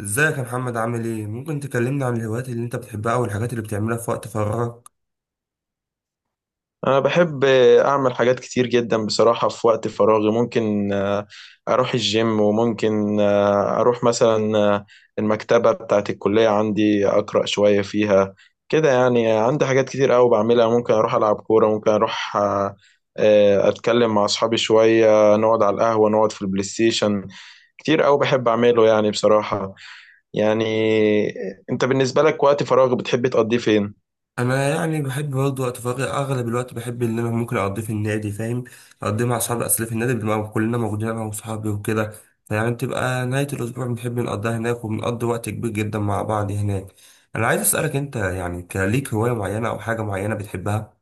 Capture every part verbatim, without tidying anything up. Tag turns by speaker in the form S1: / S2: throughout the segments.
S1: ازيك يا محمد، عامل ايه؟ ممكن تكلمنا عن الهوايات اللي انت بتحبها او الحاجات اللي بتعملها في وقت فراغك؟
S2: أنا بحب أعمل حاجات كتير جدا بصراحة في وقت فراغي ممكن آه، أروح الجيم، وممكن آه، أروح مثلا آه، المكتبة بتاعت الكلية عندي أقرأ شوية فيها كده. يعني عندي حاجات كتير أوي بعملها، ممكن أروح ألعب كورة، ممكن أروح آه، آه، أتكلم مع أصحابي شوية، نقعد على القهوة، نقعد في البلاي ستيشن. كتير أوي بحب أعمله يعني بصراحة. يعني آه، أنت بالنسبة لك وقت فراغ بتحب تقضيه فين؟
S1: انا يعني بحب برضه وقت فراغي. اغلب الوقت بحب ان انا ممكن اقضيه في النادي. فاهم؟ اقضيه مع اصحابي، اصل في النادي بنبقى كلنا موجودين انا واصحابي وكده. فيعني بتبقى نهاية الاسبوع بنحب نقضيها هناك، وبنقضي وقت كبير جدا مع بعض هناك. انا عايز اسألك انت، يعني كليك هواية معينة او حاجة معينة بتحبها؟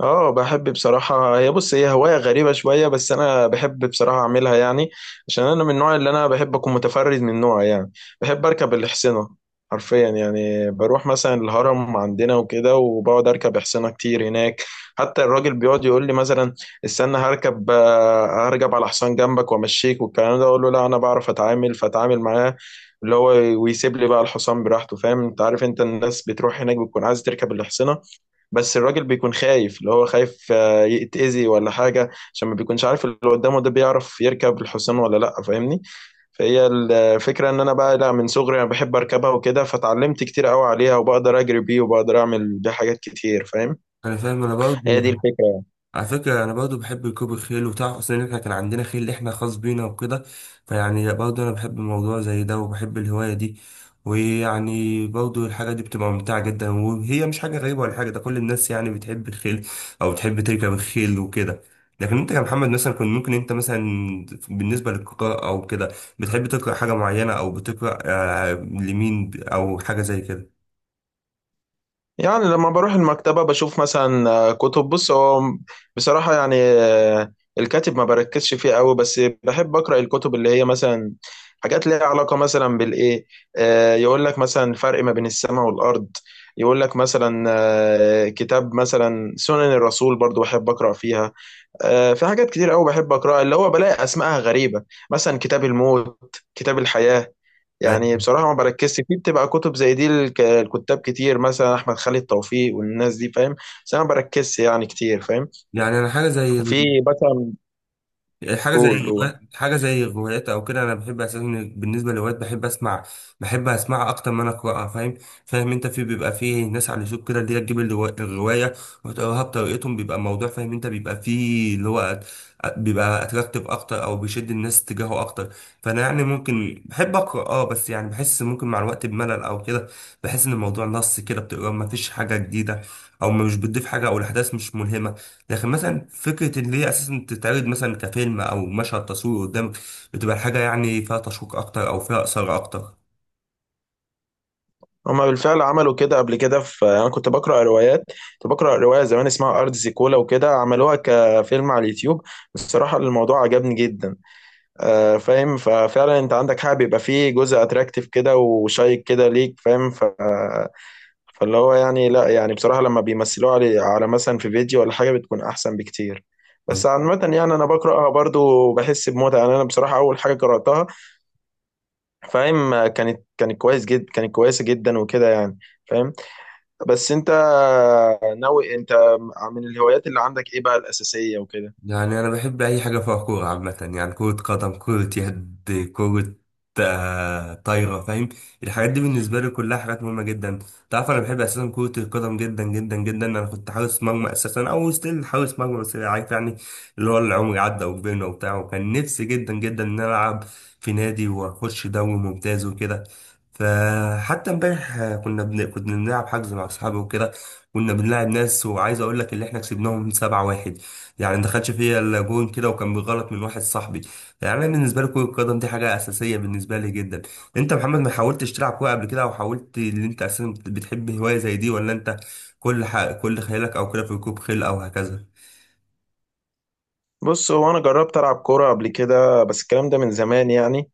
S2: اه، بحب بصراحة. هي بص، هي هواية غريبة شوية بس أنا بحب بصراحة أعملها، يعني عشان أنا من النوع اللي أنا بحب أكون متفرد من نوعي يعني. بحب أركب الحصينة، حرفيا يعني بروح مثلا الهرم عندنا وكده وبقعد أركب حصينة كتير هناك. حتى الراجل بيقعد يقول لي مثلا: استنى هركب، آه، هركب على حصان جنبك وأمشيك والكلام ده. أقول له: لا، أنا بعرف أتعامل، فأتعامل معاه اللي هو، ويسيب لي بقى الحصان براحته. فاهم؟ أنت عارف، أنت الناس بتروح هناك بتكون عايز تركب الحصينة، بس الراجل بيكون خايف، اللي هو خايف آه، يتأذي ولا حاجة، عشان ما بيكونش عارف اللي قدامه ده بيعرف يركب الحصان ولا لأ. فاهمني؟ فهي الفكرة إن أنا بقى لا، من صغري أنا بحب أركبها وكده، فتعلمت كتير قوي عليها وبقدر أجري بيه وبقدر أعمل بيه حاجات كتير. فاهم؟
S1: انا فاهم، انا
S2: هي
S1: برضه.
S2: دي الفكرة.
S1: على فكرة أنا برضو بحب ركوب الخيل، وتعرف أصلا إن إحنا كان عندنا خيل إحنا خاص بينا وكده. فيعني برضو أنا بحب الموضوع زي ده وبحب الهواية دي. ويعني برضو الحاجة دي بتبقى ممتعة جدا، وهي مش حاجة غريبة ولا حاجة، ده كل الناس يعني بتحب الخيل أو بتحب تركب الخيل وكده. لكن أنت كمحمد مثلا، كنت ممكن أنت مثلا بالنسبة للقراءة أو كده بتحب تقرأ حاجة معينة، أو بتقرأ آه، لمين أو حاجة زي كده؟
S2: يعني لما بروح المكتبة بشوف مثلا آه، كتب. بص، هو بصراحة يعني آه، الكاتب ما بركزش فيه قوي، بس بحب أقرأ الكتب اللي هي مثلا حاجات ليها علاقة مثلا بالإيه. آه، يقول لك مثلا فرق ما بين السماء والأرض، يقول لك مثلا آه، كتاب مثلا سنن الرسول، برضو بحب أقرأ فيها. آه، في حاجات كتير قوي بحب أقرأها اللي هو بلاقي أسمائها غريبة، مثلا كتاب الموت، كتاب الحياة. يعني بصراحة ما بركزش فيه، بتبقى كتب زي دي. الك- الكتاب كتير مثلا أحمد خالد توفيق والناس دي، فاهم؟ بس أنا ما بركزش يعني كتير. فاهم؟
S1: يعني انا حاجه زي
S2: وفي مثلا.
S1: حاجه زي
S2: قول، قول.
S1: حاجه زي الروايات او كده. انا بحب اساسا، بالنسبه للروايات بحب اسمع بحب اسمعها اكتر ما انا اقراها. فاهم؟ فاهم انت؟ في بيبقى فيه ناس على اليوتيوب كده اللي هي تجيب الروا- الروايه وتقراها بطريقتهم. بيبقى الموضوع، فاهم انت، بيبقى فيه اللي هو أت- بيبقى اتراكتيف اكتر او بيشد الناس تجاهه اكتر. فانا يعني ممكن بحب اقرا، اه بس يعني بحس ممكن مع الوقت بملل او كده. بحس ان الموضوع نص كده، بتقرا ما فيش حاجه جديده او مش بتضيف حاجه، او الاحداث مش ملهمه. لكن مثلا فكرة إن هي أساسا تتعرض مثلا كفيلم أو مشهد تصوير قدامك، بتبقى حاجة يعني فيها تشويق أكتر أو فيها إثارة أكتر.
S2: هما بالفعل عملوا كده قبل كده، في أنا كنت بقرأ روايات، كنت بقرأ رواية زمان اسمها أرض زيكولا وكده، عملوها كفيلم على اليوتيوب. بصراحة الموضوع عجبني جدا. آه، فاهم؟ ففعلا أنت عندك حاجة بيبقى فيه جزء أتراكتيف كده وشيق كده ليك. فاهم؟ ف فاللي هو يعني لا، يعني بصراحة لما بيمثلوها على على مثلا في فيديو ولا حاجة بتكون أحسن بكتير. بس عامة يعني أنا بقرأها برضو وبحس بمتعة يعني. أنا بصراحة أول حاجة قرأتها، فاهم، كانت كانت كويس جدا، كانت كويسة جدا وكده يعني. فاهم؟ بس أنت ناوي أنت، من الهوايات اللي عندك إيه بقى الأساسية وكده؟
S1: يعني أنا بحب أي حاجة فيها كورة عامة، يعني كرة قدم، كرة يد، كرة آه، طايرة. فاهم؟ الحاجات دي بالنسبة لي كلها حاجات مهمة جدا. تعرف أنا بحب أساسا كرة القدم جدا جدا جدا. أنا كنت حارس مرمى أساسا، أو ستيل حارس مرمى. بس يعني عارف يعني اللي هو العمر عدى وكبرنا وبتاع، وكان نفسي جدا جدا إن أنا ألعب في نادي وأخش دوري ممتاز وكده. فحتى امبارح آه، كنا بن... كنا بنلعب حجز مع أصحابي وكده. كنا بنلعب ناس، وعايز أقول لك اللي إحنا كسبناهم سبعة واحد. يعني ما دخلش فيا الا جون كده، وكان بغلط من واحد صاحبي. يعني انا بالنسبه لي كره القدم دي حاجه اساسيه بالنسبه لي جدا. انت يا محمد ما حاولتش تلعب كوره قبل كده، او حاولت ان انت اساسا بتحب هوايه زي دي؟ ولا انت كل ح... كل خيالك او كده في ركوب خيل او هكذا؟
S2: بص، هو انا جربت العب كوره قبل كده، بس الكلام ده من زمان يعني،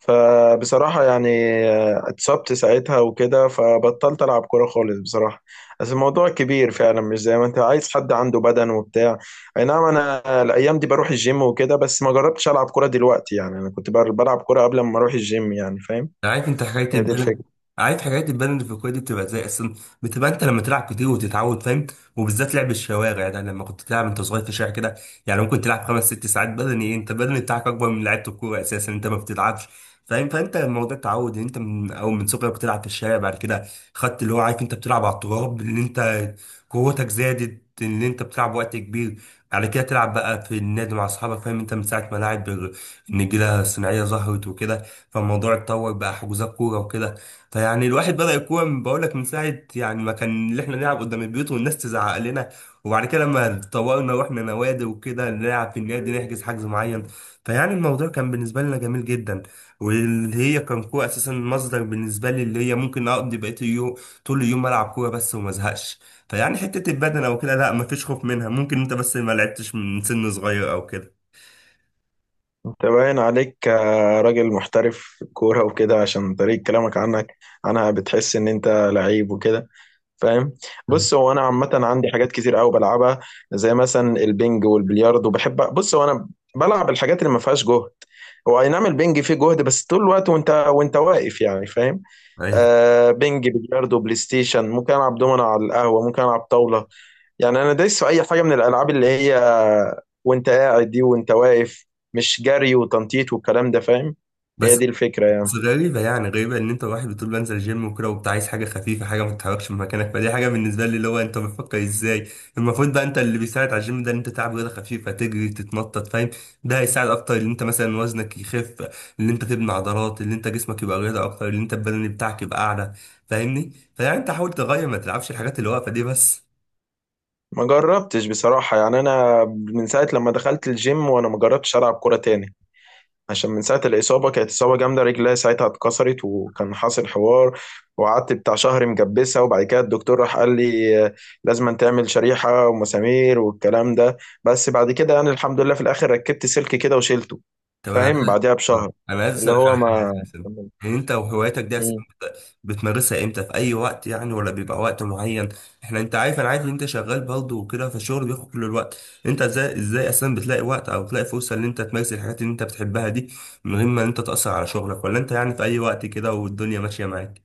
S2: فبصراحه يعني آه، اتصبت ساعتها وكده فبطلت العب كوره خالص بصراحه. بس الموضوع كبير فعلا، مش زي ما انت عايز حد عنده بدن وبتاع. اي نعم، انا الايام دي بروح الجيم وكده، بس ما جربتش العب كوره دلوقتي، يعني انا كنت بر- بلعب كوره قبل ما اروح الجيم يعني. فاهم؟
S1: عارف انت حكايه
S2: هي دي
S1: البدن
S2: الفكره.
S1: عارف حكايه البدن اللي في الكوره دي، بتبقى زي اصلا. بتبقى انت لما تلعب كتير وتتعود، فاهم؟ وبالذات لعب الشوارع ده، لما كنت تلعب انت صغير في الشارع كده. يعني ممكن تلعب خمس ست ساعات بدني. انت البدن بتاعك اكبر من لعيبه الكوره اساسا، انت ما بتتعبش. فاهم؟ فانت الموضوع تعود، انت من او من صغرك بتلعب في الشارع. بعد كده خدت اللي هو، عارف انت بتلعب على التراب، اللي انت قوتك زادت ان انت بتلعب وقت كبير. على كده تلعب بقى في النادي مع اصحابك. فاهم انت؟ من ساعه ما لاعب النجيله الصناعيه ظهرت وكده، فالموضوع اتطور بقى حجوزات كوره وكده. فيعني الواحد بدأ الكوره من- بقول لك من ساعه، يعني ما كان اللي احنا نلعب قدام البيوت والناس تزعق لنا. وبعد كده لما اتطورنا واحنا نوادي وكده، نلعب في النادي، نحجز حجز معين. فيعني الموضوع كان بالنسبه لنا جميل جدا. واللي هي كان كوره اساسا مصدر بالنسبه لي، اللي هي ممكن اقضي بقيه اليوم طول اليوم العب كوره بس وما ازهقش. فيعني حته البدن او كده لا، ما فيش خوف منها. ممكن انت بس ما لعبتش من سن صغير او كده.
S2: انت باين عليك آه، راجل محترف في الكوره وكده، عشان طريقه كلامك عنك عنها بتحس ان انت لعيب وكده. فاهم؟ بص، هو انا عامه عندي حاجات كتير قوي بلعبها، زي مثلا البنج والبلياردو. بحب، بص، هو انا بلعب الحاجات اللي ما فيهاش جهد. هو اي نعم البنج فيه جهد، بس طول الوقت وانت وانت واقف يعني. فاهم؟
S1: أيوة.
S2: آه، بنج، بلياردو، بلاي ستيشن، ممكن العب دومنا على القهوه، ممكن العب طاوله. يعني انا دايس في اي حاجه من الالعاب اللي هي وانت قاعد دي، وانت واقف، مش جري وتنطيط والكلام ده. فاهم؟ هي
S1: بس
S2: دي الفكره يعني.
S1: بس غريبة يعني، غريبة ان انت واحد بتقول بنزل جيم وكده وبتاع، عايز حاجة خفيفة، حاجة ما تتحركش من مكانك. فدي حاجة بالنسبة لي اللي هو انت بتفكر ازاي. المفروض بقى انت اللي بيساعد على الجيم ده ان انت تلعب رياضة خفيفة، تجري تتنطط. فاهم؟ ده هيساعد اكتر ان انت مثلا وزنك يخف، ان انت تبني عضلات، ان انت جسمك يبقى رياضة اكتر، ان انت البدني بتاعك يبقى اعلى. فاهمني؟ فيعني انت حاول تغير، ما تلعبش الحاجات اللي واقفة دي بس.
S2: ما جربتش بصراحة، يعني أنا من ساعة لما دخلت الجيم وأنا ما جربتش ألعب كورة تاني، عشان من ساعة الإصابة، كانت إصابة جامدة، رجلي ساعتها اتكسرت وكان حاصل حوار. وقعدت بتاع شهر مجبسة، وبعد كده الدكتور راح قال لي آه، لازم تعمل شريحة ومسامير والكلام ده، بس بعد كده يعني الحمد لله في الآخر ركبت سلك كده وشيلته.
S1: طب انا
S2: فاهم؟
S1: عايز آه.
S2: بعدها بشهر
S1: انا عايز
S2: اللي
S1: اسالك على
S2: هو ما.
S1: حاجه اساسا. يعني انت وهوايتك دي اساسا بت- بتمارسها امتى، في اي وقت يعني، ولا بيبقى وقت معين؟ احنا، انت عارف، انا عارف ان انت شغال برضه وكده، فالشغل بياخد كل الوقت. انت ازاي ازاي اساسا بتلاقي وقت او بتلاقي فرصه ان انت تمارس الحاجات اللي انت بتحبها دي من غير ما انت تاثر على شغلك، ولا انت يعني في اي وقت كده والدنيا ماشيه معاك؟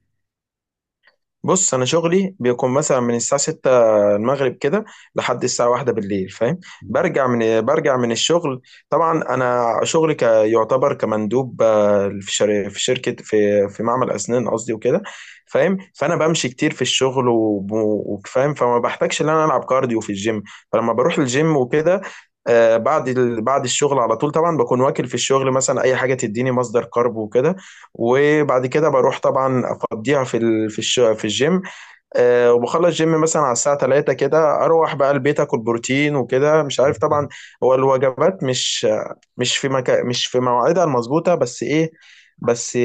S2: بص، انا شغلي بيكون مثلا من الساعه ستة المغرب كده لحد الساعه واحدة بالليل. فاهم؟ برجع من برجع من الشغل. طبعا انا شغلي ك- يعتبر كمندوب آه، في شر- في شركه في في معمل اسنان قصدي وكده. فاهم؟ فانا بمشي كتير في الشغل وب- وفاهم، فما بحتاجش ان انا العب كارديو في الجيم. فلما بروح الجيم وكده آه، بعد ال- بعد الشغل على طول، طبعا بكون واكل في الشغل مثلا اي حاجه تديني مصدر كارب وكده، وبعد كده بروح طبعا افضيها في ال- في الش- في الجيم. أه، وبخلص جيم مثلا على الساعه تلاتة كده، اروح بقى البيت اكل بروتين وكده، مش عارف طبعا، هو الوجبات مش مش في مكا مش في مواعيدها المظبوطه. بس ايه، بس،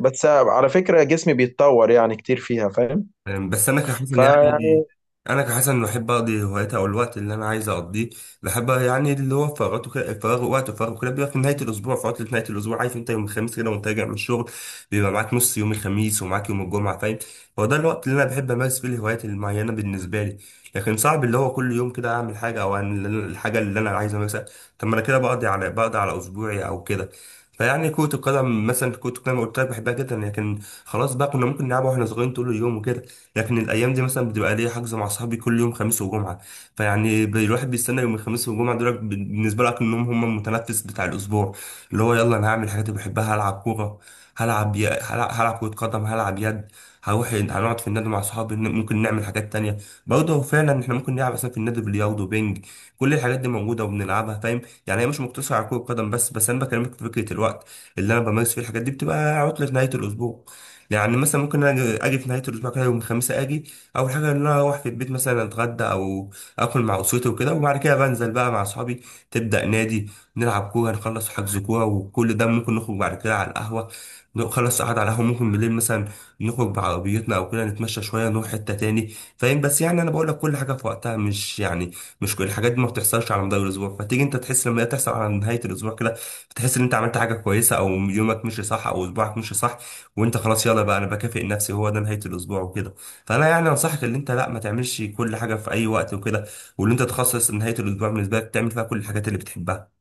S2: بس على فكره جسمي بيتطور يعني كتير فيها. فاهم؟
S1: أم، بس انا كحسن
S2: فيعني.
S1: يعني انا كحسن بحب اقضي هوايتي او الوقت اللي انا عايز اقضيه. بحب يعني اللي هو فراغاته كده، الفراغ وقت الفراغ كده بيبقى في نهايه الاسبوع، في عطله نهايه الاسبوع. عارف انت يوم الخميس كده وانت راجع من الشغل، بيبقى معاك نص يوم الخميس ومعاك يوم الجمعه. فاهم؟ هو ده الوقت اللي انا بحب امارس فيه الهوايات المعينه بالنسبه لي. لكن صعب اللي هو كل يوم كده اعمل حاجه، او أعمل الحاجه اللي انا عايز امارسها. طب ما انا كده بقضي على بقضي على اسبوعي او كده. فيعني كرة القدم مثلا، كرة القدم قلت لك بحبها جدا، لكن خلاص بقى، كنا ممكن نلعبها واحنا صغيرين طول اليوم وكده. لكن الايام دي مثلا بتبقى ليا حجز مع صحابي كل يوم خميس وجمعه. فيعني ب- الواحد بيستنى يوم الخميس والجمعه دول. ب- بالنسبه لك انهم هم المتنفس بتاع الاسبوع، اللي هو يلا انا هعمل الحاجات اللي بحبها. هلعب كوره، هلعب ي... هلعب, هلعب كره قدم، هلعب يد. هروح هنقعد في النادي مع صحابي، ن- ممكن نعمل حاجات تانية. برضه فعلا احنا ممكن نلعب مثلا في النادي بلياردو، بينج. كل الحاجات دي موجوده وبنلعبها. فاهم؟ يعني هي مش مقتصره على كره قدم بس. بس انا بكلمك في فكره الوقت اللي انا بمارس فيه الحاجات دي، بتبقى عطله نهايه الاسبوع. يعني مثلا ممكن اجي أجي في نهايه الاسبوع كده. يوم الخميس اجي، اول حاجه ان انا اروح في البيت مثلا اتغدى او اكل مع اسرتي وكده، وبعد كده بنزل بقى مع اصحابي. تبدا نادي، نلعب كوره، نخلص حجز كوره، وكل ده ممكن نخرج بعد كده على القهوه. نخلص قعد على القهوه، ممكن بالليل مثلا نخرج بعربيتنا او كده، نتمشى شويه، نروح حته تاني. فاهم؟ بس يعني انا بقول لك كل حاجه في وقتها. مش يعني مش كل الحاجات دي ما بتحصلش على مدار الاسبوع، فتيجي انت تحس لما هي تحصل على نهايه الاسبوع كده، بتحس ان انت عملت حاجه كويسه، او يومك مشي صح، او اسبوعك مشي صح، وانت خلاص يلا بقى انا بكافئ نفسي، هو ده نهايه الاسبوع وكده. فانا يعني انصحك ان انت لا، ما تعملش كل حاجه في اي وقت وكده، وان انت تخصص نهايه الاسبوع بالنسبه لك تعمل فيها كل الحاجات اللي بتحبها.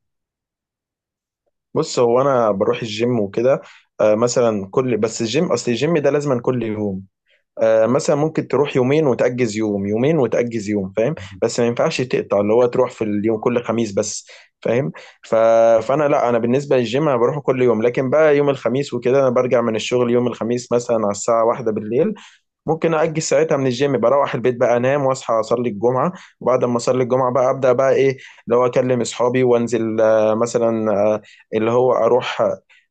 S2: بص، هو انا بروح الجيم وكده أه مثلا كل. بس الجيم، اصل الجيم ده لازما كل يوم، آه، مثلا ممكن تروح يومين وتأجز يوم، يومين وتأجز يوم. فاهم؟ بس ما ينفعش تقطع اللي هو تروح في اليوم كل خميس بس. فاهم؟ ف... فانا لا، انا بالنسبه للجيم انا بروحه كل يوم، لكن بقى يوم الخميس وكده انا برجع من الشغل يوم الخميس مثلا على الساعه واحدة بالليل. ممكن أأجل ساعتها من الجيم، بروح البيت بقى أنام وأصحى أصلي الجمعة، وبعد ما أصلي الجمعة بقى أبدأ بقى إيه، اللي هو أكلم أصحابي وأنزل آه، مثلا آه، اللي هو أروح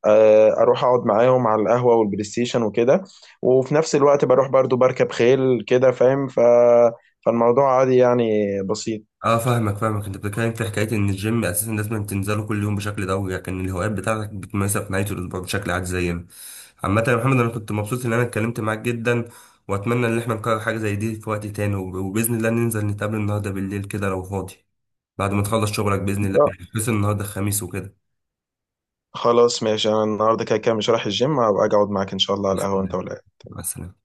S2: آه، أروح أقعد معاهم على القهوة والبلاي ستيشن وكده. وفي نفس الوقت بروح برضو بركب خيل كده. فاهم؟ ف... فالموضوع عادي يعني بسيط.
S1: اه، فاهمك فاهمك انت بتتكلم في حكايه ان الجيم اساسا لازم تنزله كل يوم بشكل دوري، لكن الهوايات بتاعتك بتمارسها في نهايه الاسبوع بشكل عادي زينا. عامه يا محمد، انا كنت مبسوط ان انا اتكلمت معاك جدا، واتمنى ان احنا نكرر حاجه زي دي في وقت تاني. وب- وباذن الله ننزل نتقابل النهارده بالليل كده لو فاضي، بعد ما تخلص شغلك باذن
S2: إن
S1: الله.
S2: شاء-
S1: بس النهارده الخميس وكده.
S2: خلاص ماشي، أنا النهاردة كده كده مش رايح الجيم، هبقى أجي أقعد معاك إن شاء الله
S1: مع
S2: على القهوة، أنت
S1: السلامه.
S2: ولا
S1: مع السلامة.